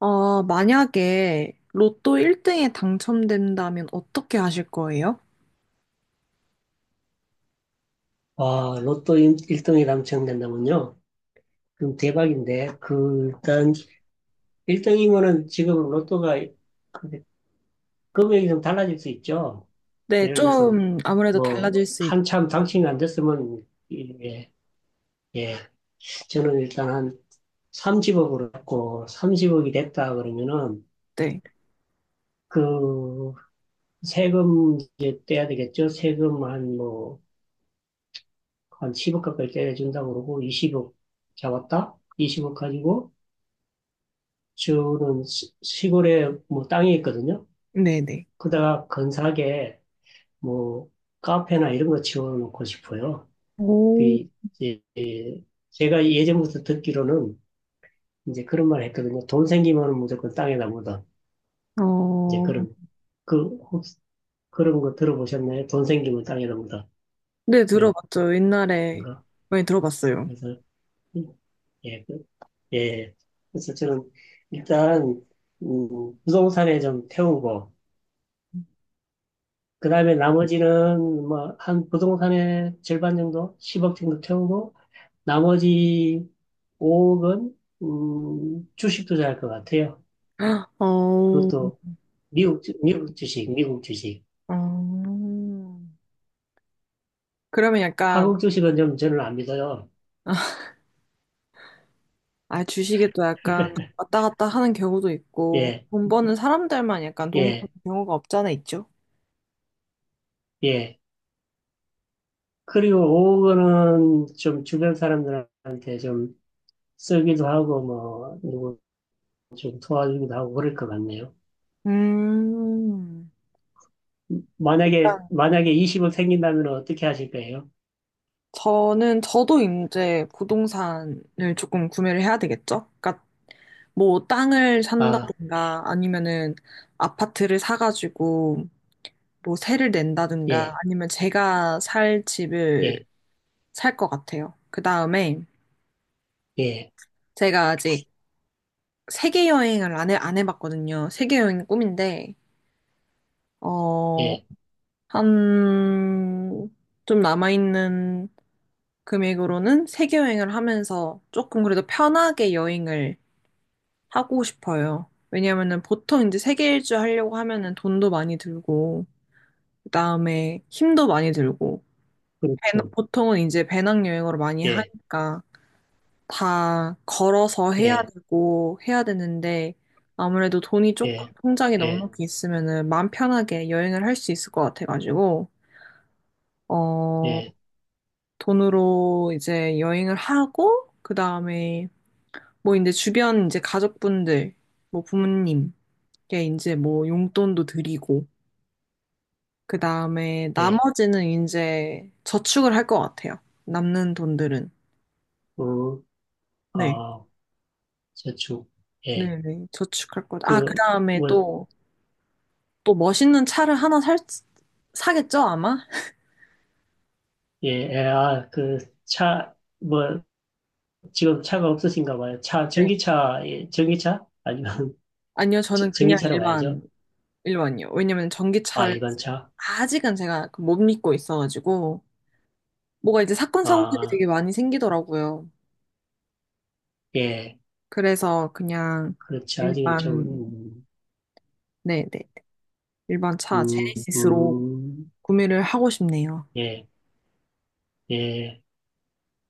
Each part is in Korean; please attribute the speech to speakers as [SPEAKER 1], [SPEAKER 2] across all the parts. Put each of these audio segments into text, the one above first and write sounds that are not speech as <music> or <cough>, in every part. [SPEAKER 1] 아, 만약에 로또 1등에 당첨된다면 어떻게 하실 거예요?
[SPEAKER 2] 아, 로또 1등이 당첨된다면요? 그럼 대박인데, 그, 일단, 1등이면은 지금 로또가 그 금액이 좀 달라질 수 있죠.
[SPEAKER 1] 네,
[SPEAKER 2] 예를 들어서,
[SPEAKER 1] 좀 아무래도
[SPEAKER 2] 뭐,
[SPEAKER 1] 달라질 수
[SPEAKER 2] 한참 당첨이 안 됐으면, 예, 예. 저는 일단 한 30억으로 했고, 30억이 됐다 그러면은,
[SPEAKER 1] 있대.
[SPEAKER 2] 그, 세금 이제 떼야 되겠죠? 세금 한 뭐, 한 10억 가까이 떼준다고 그러고, 20억 잡았다? 20억 가지고, 저는 시골에 뭐 땅이 있거든요.
[SPEAKER 1] 네네.
[SPEAKER 2] 그다가 근사하게 뭐 카페나 이런 거 지어놓고 싶어요. 그
[SPEAKER 1] 오,
[SPEAKER 2] 이제 제가 예전부터 듣기로는 이제 그런 말 했거든요. 돈 생기면 무조건 땅에다 묻어. 이제
[SPEAKER 1] 어,
[SPEAKER 2] 그런 그 혹시 그런 거 들어보셨나요? 돈 생기면 땅에다 묻어
[SPEAKER 1] 네,
[SPEAKER 2] 이런
[SPEAKER 1] 들어봤죠. 옛날에
[SPEAKER 2] 거.
[SPEAKER 1] 많이 들어봤어요.
[SPEAKER 2] 그래서 예, 예. 그래서 저는 일단 부동산에 좀 태우고 그 다음에 나머지는 뭐 한 부동산의 절반 정도, 10억 정도 태우고 나머지 5억은 주식 투자할 것 같아요.
[SPEAKER 1] 어,
[SPEAKER 2] 그것도 미국 미국 주식, 미국 주식.
[SPEAKER 1] 어, 그러면 약간,
[SPEAKER 2] 한국 주식은 좀 저는 안 믿어요.
[SPEAKER 1] 아, 주식에 또 약간 왔다 갔다 하는 경우도 있고,
[SPEAKER 2] 예,
[SPEAKER 1] 돈 버는 사람들만 약간 돈 버는
[SPEAKER 2] 예,
[SPEAKER 1] 경우가 없잖아, 있죠?
[SPEAKER 2] 예. 그리고 5억은 좀 주변 사람들한테 좀 쓰기도 하고 뭐 누구 좀 도와주기도 하고 그럴 것 같네요.
[SPEAKER 1] 음,
[SPEAKER 2] 만약에 20억 생긴다면 어떻게 하실 거예요?
[SPEAKER 1] 저는, 저도 이제 부동산을 조금 구매를 해야 되겠죠? 그러니까 뭐 땅을
[SPEAKER 2] 아,
[SPEAKER 1] 산다든가 아니면은 아파트를 사가지고 뭐 세를 낸다든가
[SPEAKER 2] 예.
[SPEAKER 1] 아니면 제가 살 집을
[SPEAKER 2] 예.
[SPEAKER 1] 살 것 같아요. 그 다음에
[SPEAKER 2] 예,
[SPEAKER 1] 제가 아직 세계 여행을 안 해봤거든요. 세계 여행이 꿈인데, 어,
[SPEAKER 2] 예,
[SPEAKER 1] 한, 좀 남아있는 금액으로는 세계 여행을 하면서 조금 그래도 편하게 여행을 하고 싶어요. 왜냐면은 보통 이제 세계 일주 하려고 하면은 돈도 많이 들고, 그다음에 힘도 많이 들고,
[SPEAKER 2] 그렇죠.
[SPEAKER 1] 보통은 이제 배낭여행으로 많이
[SPEAKER 2] 예,
[SPEAKER 1] 하니까 다 걸어서 해야
[SPEAKER 2] 예,
[SPEAKER 1] 되고 해야 되는데 아무래도 돈이 조금
[SPEAKER 2] 예,
[SPEAKER 1] 통장에
[SPEAKER 2] 예,
[SPEAKER 1] 넉넉히 있으면은 마음 편하게 여행을 할 수 있을 것 같아가지고, 어,
[SPEAKER 2] 예,
[SPEAKER 1] 돈으로 이제 여행을 하고, 그다음에 뭐 이제 주변 이제 가족분들, 뭐 부모님, 게 이제 뭐 용돈도 드리고, 그 다음에
[SPEAKER 2] 예,
[SPEAKER 1] 나머지는 이제 저축을 할 것 같아요. 남는 돈들은.
[SPEAKER 2] 우,
[SPEAKER 1] 네.
[SPEAKER 2] 어, 저축, 예,
[SPEAKER 1] 네네. 저축할 것. 아, 그
[SPEAKER 2] 그,
[SPEAKER 1] 다음에
[SPEAKER 2] 뭐,
[SPEAKER 1] 또, 또 멋있는 차를 하나 살, 사겠죠, 아마?
[SPEAKER 2] 예, 예, 아, 그, 차, 뭐, 지금 차가 없으신가 봐요. 차,
[SPEAKER 1] 네.
[SPEAKER 2] 전기차, 예, 전기차? 아니면 <laughs>
[SPEAKER 1] 아니요, 저는 그냥
[SPEAKER 2] 전기차로 가야죠.
[SPEAKER 1] 일반, 일반이요. 왜냐면
[SPEAKER 2] 아,
[SPEAKER 1] 전기차를
[SPEAKER 2] 일반차?
[SPEAKER 1] 아직은 제가 그 못 믿고 있어가지고, 뭐가 이제 사건, 사고들이
[SPEAKER 2] 아,
[SPEAKER 1] 되게 많이 생기더라고요.
[SPEAKER 2] 예,
[SPEAKER 1] 그래서 그냥
[SPEAKER 2] 그렇죠. 아직은 좀,
[SPEAKER 1] 일반, 네네. 일반 차,
[SPEAKER 2] 음,
[SPEAKER 1] 제네시스로.
[SPEAKER 2] 음,
[SPEAKER 1] 구매를 하고 싶네요.
[SPEAKER 2] 예, 예,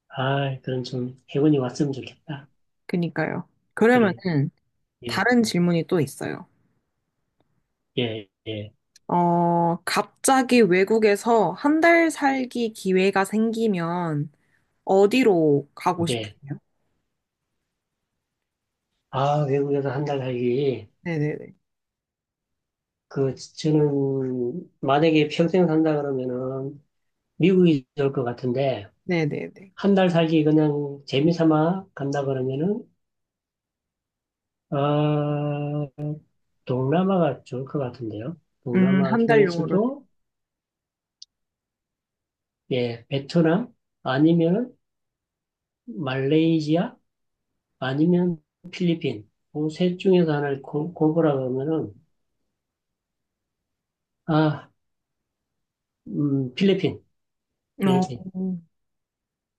[SPEAKER 2] 아, 그럼 좀 해운이 왔으면 좋겠다.
[SPEAKER 1] 그니까요.
[SPEAKER 2] 그래,
[SPEAKER 1] 그러면은
[SPEAKER 2] 예,
[SPEAKER 1] 다른 질문이 또 있어요.
[SPEAKER 2] 예, 예.
[SPEAKER 1] 어, 갑자기 외국에서 한 달 살기 기회가 생기면 어디로 가고
[SPEAKER 2] 예.
[SPEAKER 1] 싶으세요?
[SPEAKER 2] 아, 외국에서 한 달 살기.
[SPEAKER 1] 네네네.
[SPEAKER 2] 그, 저는, 만약에 평생 산다 그러면은, 미국이 좋을 것 같은데,
[SPEAKER 1] 네네네.
[SPEAKER 2] 한 달 살기 그냥 재미삼아 간다 그러면은, 아, 동남아가 좋을 것 같은데요. 동남아
[SPEAKER 1] 한 달용으로는.
[SPEAKER 2] 중에서도, 예, 베트남, 아니면 말레이시아, 아니면 필리핀. 그셋 중에서 하나를 고르라 그러면은, 아, 필리핀,
[SPEAKER 1] 어,
[SPEAKER 2] 필리핀.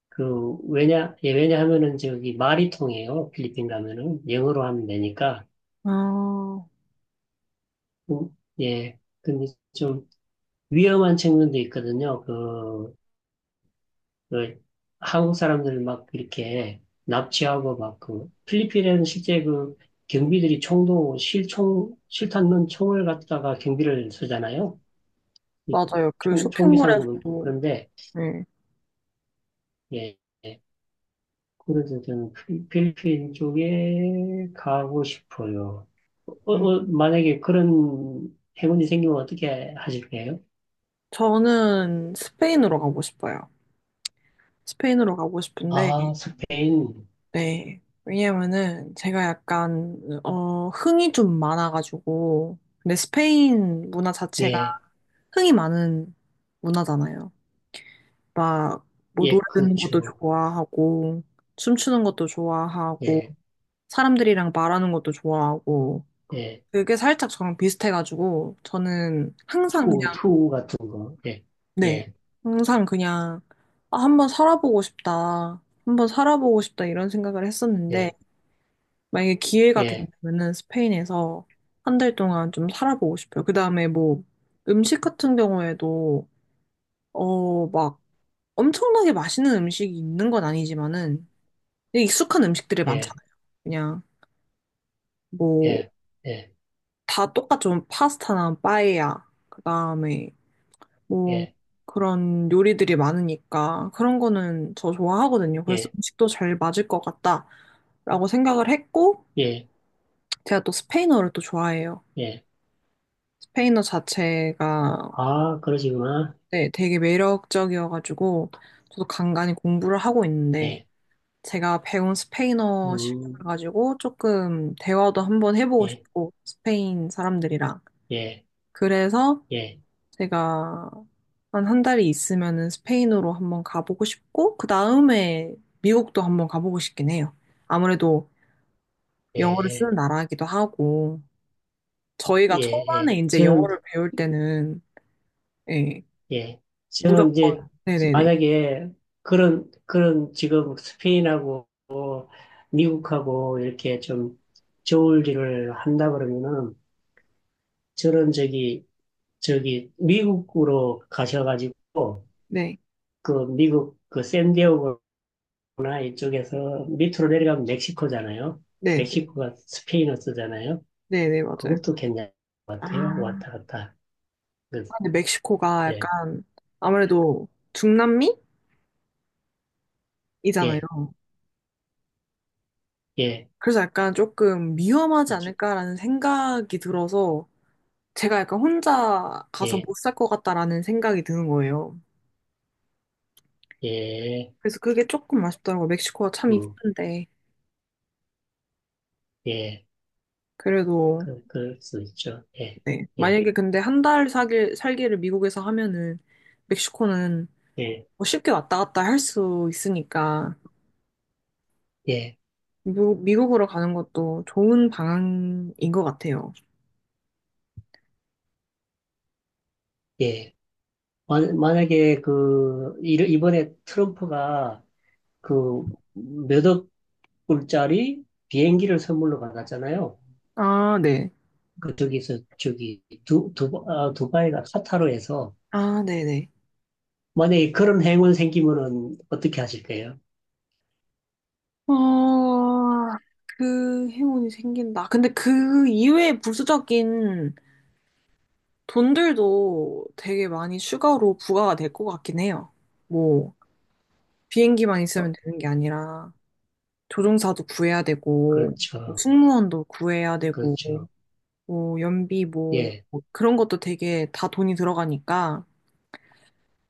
[SPEAKER 2] 그, 왜냐, 예, 왜냐하면은 저기 말이 통해요. 필리핀 가면은. 영어로 하면 되니까.
[SPEAKER 1] 아,
[SPEAKER 2] 예. 근데 좀 위험한 측면도 있거든요. 그, 그 한국 사람들 막 이렇게 납치하고 막 그, 필리핀에는 실제 그 경비들이 총도 실총, 실탄 넣은 총을 갖다가 경비를 쓰잖아요. 이
[SPEAKER 1] 맞아요. 그
[SPEAKER 2] 총기 상고도 있고.
[SPEAKER 1] 쇼핑몰에서도.
[SPEAKER 2] 그런데,
[SPEAKER 1] 네.
[SPEAKER 2] 예. 예. 그래서 저는 필리핀 쪽에 가고 싶어요. 어,
[SPEAKER 1] 음,
[SPEAKER 2] 어, 만약에 그런 행운이 생기면 어떻게 하실까요?
[SPEAKER 1] 저는 스페인으로 가고 싶어요. 스페인으로 가고 싶은데,
[SPEAKER 2] 아, 스페인.
[SPEAKER 1] 네. 왜냐면은 제가 약간 흥이 좀 많아가지고 근데 스페인 문화 자체가
[SPEAKER 2] 예,
[SPEAKER 1] 흥이 많은 문화잖아요. 막 뭐 노래
[SPEAKER 2] 예,
[SPEAKER 1] 듣는 것도
[SPEAKER 2] 그렇죠.
[SPEAKER 1] 좋아하고 춤추는 것도 좋아하고
[SPEAKER 2] 예,
[SPEAKER 1] 사람들이랑 말하는 것도 좋아하고
[SPEAKER 2] 예.
[SPEAKER 1] 그게 살짝 저랑 비슷해가지고 저는 항상 그냥
[SPEAKER 2] 투, 투 같은 거. 예,
[SPEAKER 1] 네
[SPEAKER 2] 예,
[SPEAKER 1] 항상 그냥 아, 한번 살아보고 싶다 한번 살아보고 싶다 이런 생각을 했었는데
[SPEAKER 2] 예,
[SPEAKER 1] 만약에 기회가
[SPEAKER 2] 예,
[SPEAKER 1] 된다면은 스페인에서 한 달 동안 좀 살아보고 싶어요. 그 다음에 뭐 음식 같은 경우에도 막 엄청나게 맛있는 음식이 있는 건 아니지만은 되게 익숙한 음식들이
[SPEAKER 2] 예,
[SPEAKER 1] 많잖아요. 그냥 뭐
[SPEAKER 2] 예, 예,
[SPEAKER 1] 다 똑같죠. 뭐 파스타나 빠에야. 그 다음에 뭐
[SPEAKER 2] 예,
[SPEAKER 1] 그런 요리들이 많으니까 그런 거는 저 좋아하거든요. 그래서
[SPEAKER 2] 예,
[SPEAKER 1] 음식도 잘 맞을 것 같다라고 생각을 했고
[SPEAKER 2] 예,
[SPEAKER 1] 제가 또 스페인어를 또 좋아해요.
[SPEAKER 2] 예.
[SPEAKER 1] 스페인어 자체가
[SPEAKER 2] 아, 그러시구나.
[SPEAKER 1] 네, 되게 매력적이어가지고 저도 간간히 공부를 하고 있는데
[SPEAKER 2] 예,
[SPEAKER 1] 제가 배운 스페인어 실력을
[SPEAKER 2] 음,
[SPEAKER 1] 가지고 조금 대화도 한번 해보고
[SPEAKER 2] 예,
[SPEAKER 1] 싶고 스페인 사람들이랑
[SPEAKER 2] 예,
[SPEAKER 1] 그래서
[SPEAKER 2] 예,
[SPEAKER 1] 제가 한 달이 있으면은 스페인으로 한번 가보고 싶고 그 다음에 미국도 한번 가보고 싶긴 해요. 아무래도 영어를
[SPEAKER 2] 예,
[SPEAKER 1] 쓰는 나라이기도 하고
[SPEAKER 2] 예,
[SPEAKER 1] 저희가
[SPEAKER 2] 예.
[SPEAKER 1] 초반에 이제
[SPEAKER 2] 저는
[SPEAKER 1] 영어를 배울 때는 예,
[SPEAKER 2] 예. 저는
[SPEAKER 1] 무조건
[SPEAKER 2] 이제
[SPEAKER 1] 네네네
[SPEAKER 2] 만약에 그런 지금 스페인하고 미국하고 이렇게 좀 좋을 일을 한다 그러면은 저는 저기, 저기 미국으로 가셔가지고
[SPEAKER 1] 네
[SPEAKER 2] 그 미국 그 샌디에고나 이쪽에서 밑으로 내려가면 멕시코잖아요.
[SPEAKER 1] 네네
[SPEAKER 2] 멕시코가 스페인어 쓰잖아요.
[SPEAKER 1] 네네 맞아요.
[SPEAKER 2] 그것도 괜찮을 것 같아요.
[SPEAKER 1] 아,
[SPEAKER 2] 왔다 갔다. 그,
[SPEAKER 1] 근데 멕시코가
[SPEAKER 2] 예,
[SPEAKER 1] 약간 아무래도 중남미이잖아요.
[SPEAKER 2] 예, 예,
[SPEAKER 1] 그래서 약간 조금 위험하지
[SPEAKER 2] 그렇죠.
[SPEAKER 1] 않을까라는 생각이 들어서 제가 약간 혼자 가서
[SPEAKER 2] 예,
[SPEAKER 1] 못 살 것 같다라는 생각이 드는 거예요.
[SPEAKER 2] 예,
[SPEAKER 1] 그래서 그게 조금 아쉽더라고요. 멕시코가 참
[SPEAKER 2] 음,
[SPEAKER 1] 이쁜데.
[SPEAKER 2] 예.
[SPEAKER 1] 그래도,
[SPEAKER 2] 그, 그럴 수 있죠. 예,
[SPEAKER 1] 네.
[SPEAKER 2] 예,
[SPEAKER 1] 만약에 근데 한 달 살기를 미국에서 하면은 멕시코는
[SPEAKER 2] 예,
[SPEAKER 1] 뭐 쉽게 왔다 갔다 할 수 있으니까
[SPEAKER 2] 예,
[SPEAKER 1] 미국, 미국으로 가는 것도 좋은 방향인 것 같아요.
[SPEAKER 2] 예. 만약에 그, 이번에 트럼프가 그 몇억 불짜리 비행기를 선물로 받았잖아요.
[SPEAKER 1] 아, 네.
[SPEAKER 2] 그, 저기서, 저기, 두바이가 카타르에서
[SPEAKER 1] 아, 네네.
[SPEAKER 2] 만약에 그런 행운 생기면은 어떻게 하실 거예요?
[SPEAKER 1] 어, 그 행운이 생긴다. 근데 그 이외의 부수적인 돈들도 되게 많이 추가로 부과가 될 것 같긴 해요. 뭐, 비행기만 있으면
[SPEAKER 2] 어,
[SPEAKER 1] 되는 게 아니라, 조종사도 구해야 되고, 뭐
[SPEAKER 2] 그렇죠.
[SPEAKER 1] 승무원도 구해야 되고,
[SPEAKER 2] 그렇죠.
[SPEAKER 1] 연비
[SPEAKER 2] 예,
[SPEAKER 1] 뭐 그런 것도 되게 다 돈이 들어가니까,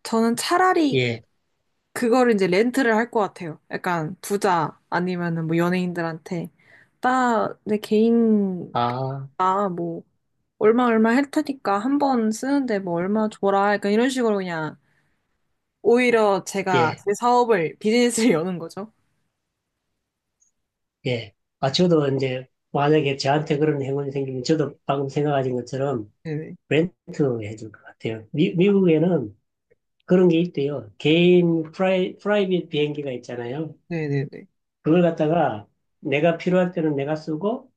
[SPEAKER 1] 저는 차라리
[SPEAKER 2] 예.
[SPEAKER 1] 그거를 이제 렌트를 할 것 같아요. 약간 부자 아니면은 뭐 연예인들한테 나 내 개인
[SPEAKER 2] 아,
[SPEAKER 1] 나 뭐 얼마 얼마 할 테니까 한 번 쓰는데 뭐 얼마 줘라. 약간 이런 식으로 그냥 오히려 제가
[SPEAKER 2] 예,
[SPEAKER 1] 제 사업을 비즈니스를 <laughs> 여는 거죠.
[SPEAKER 2] 예. 아, 저도 이제 만약에 저한테 그런 행운이 생기면 저도 방금 생각하신 것처럼
[SPEAKER 1] 네네
[SPEAKER 2] 렌트 해줄 것 같아요. 미국에는 그런 게 있대요. 개인 프라이빗 비행기가 있잖아요.
[SPEAKER 1] 네네네.
[SPEAKER 2] 그걸 갖다가 내가 필요할 때는 내가 쓰고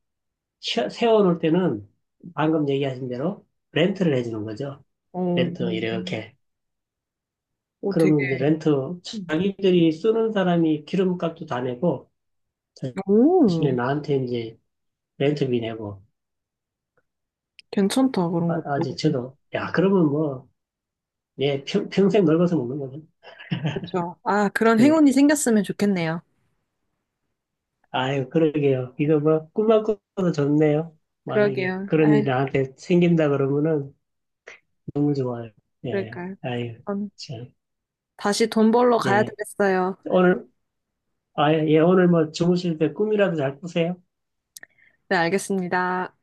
[SPEAKER 2] 세워놓을 때는 방금 얘기하신 대로 렌트를 해주는 거죠.
[SPEAKER 1] 어,
[SPEAKER 2] 렌트 이렇게.
[SPEAKER 1] 오 되게
[SPEAKER 2] 그러면 이제 렌트 자기들이 쓰는 사람이 기름값도 다 내고 대신에
[SPEAKER 1] 오
[SPEAKER 2] 나한테 이제 렌트비 내고
[SPEAKER 1] 괜찮다 그런
[SPEAKER 2] 아, 아
[SPEAKER 1] 것도
[SPEAKER 2] 이제 저도 야 그러면 뭐 예 평생 넓어서 먹는 거죠.
[SPEAKER 1] 그렇죠. 아 그런
[SPEAKER 2] 그래.
[SPEAKER 1] 행운이 생겼으면 좋겠네요.
[SPEAKER 2] 아유, 그러게요. 이거 뭐, 꿈만 꿔도 좋네요. 만약에
[SPEAKER 1] 그러게요.
[SPEAKER 2] 그런 일이
[SPEAKER 1] 아
[SPEAKER 2] 나한테 생긴다 그러면은 너무 좋아요. 예,
[SPEAKER 1] 그러니까요.
[SPEAKER 2] 아유,
[SPEAKER 1] 전
[SPEAKER 2] 참,
[SPEAKER 1] 다시 돈 벌러 가야
[SPEAKER 2] 예.
[SPEAKER 1] 되겠어요.
[SPEAKER 2] 오늘, 아, 예, 오늘 뭐 주무실 때 꿈이라도 잘 꾸세요.
[SPEAKER 1] 네, 알겠습니다.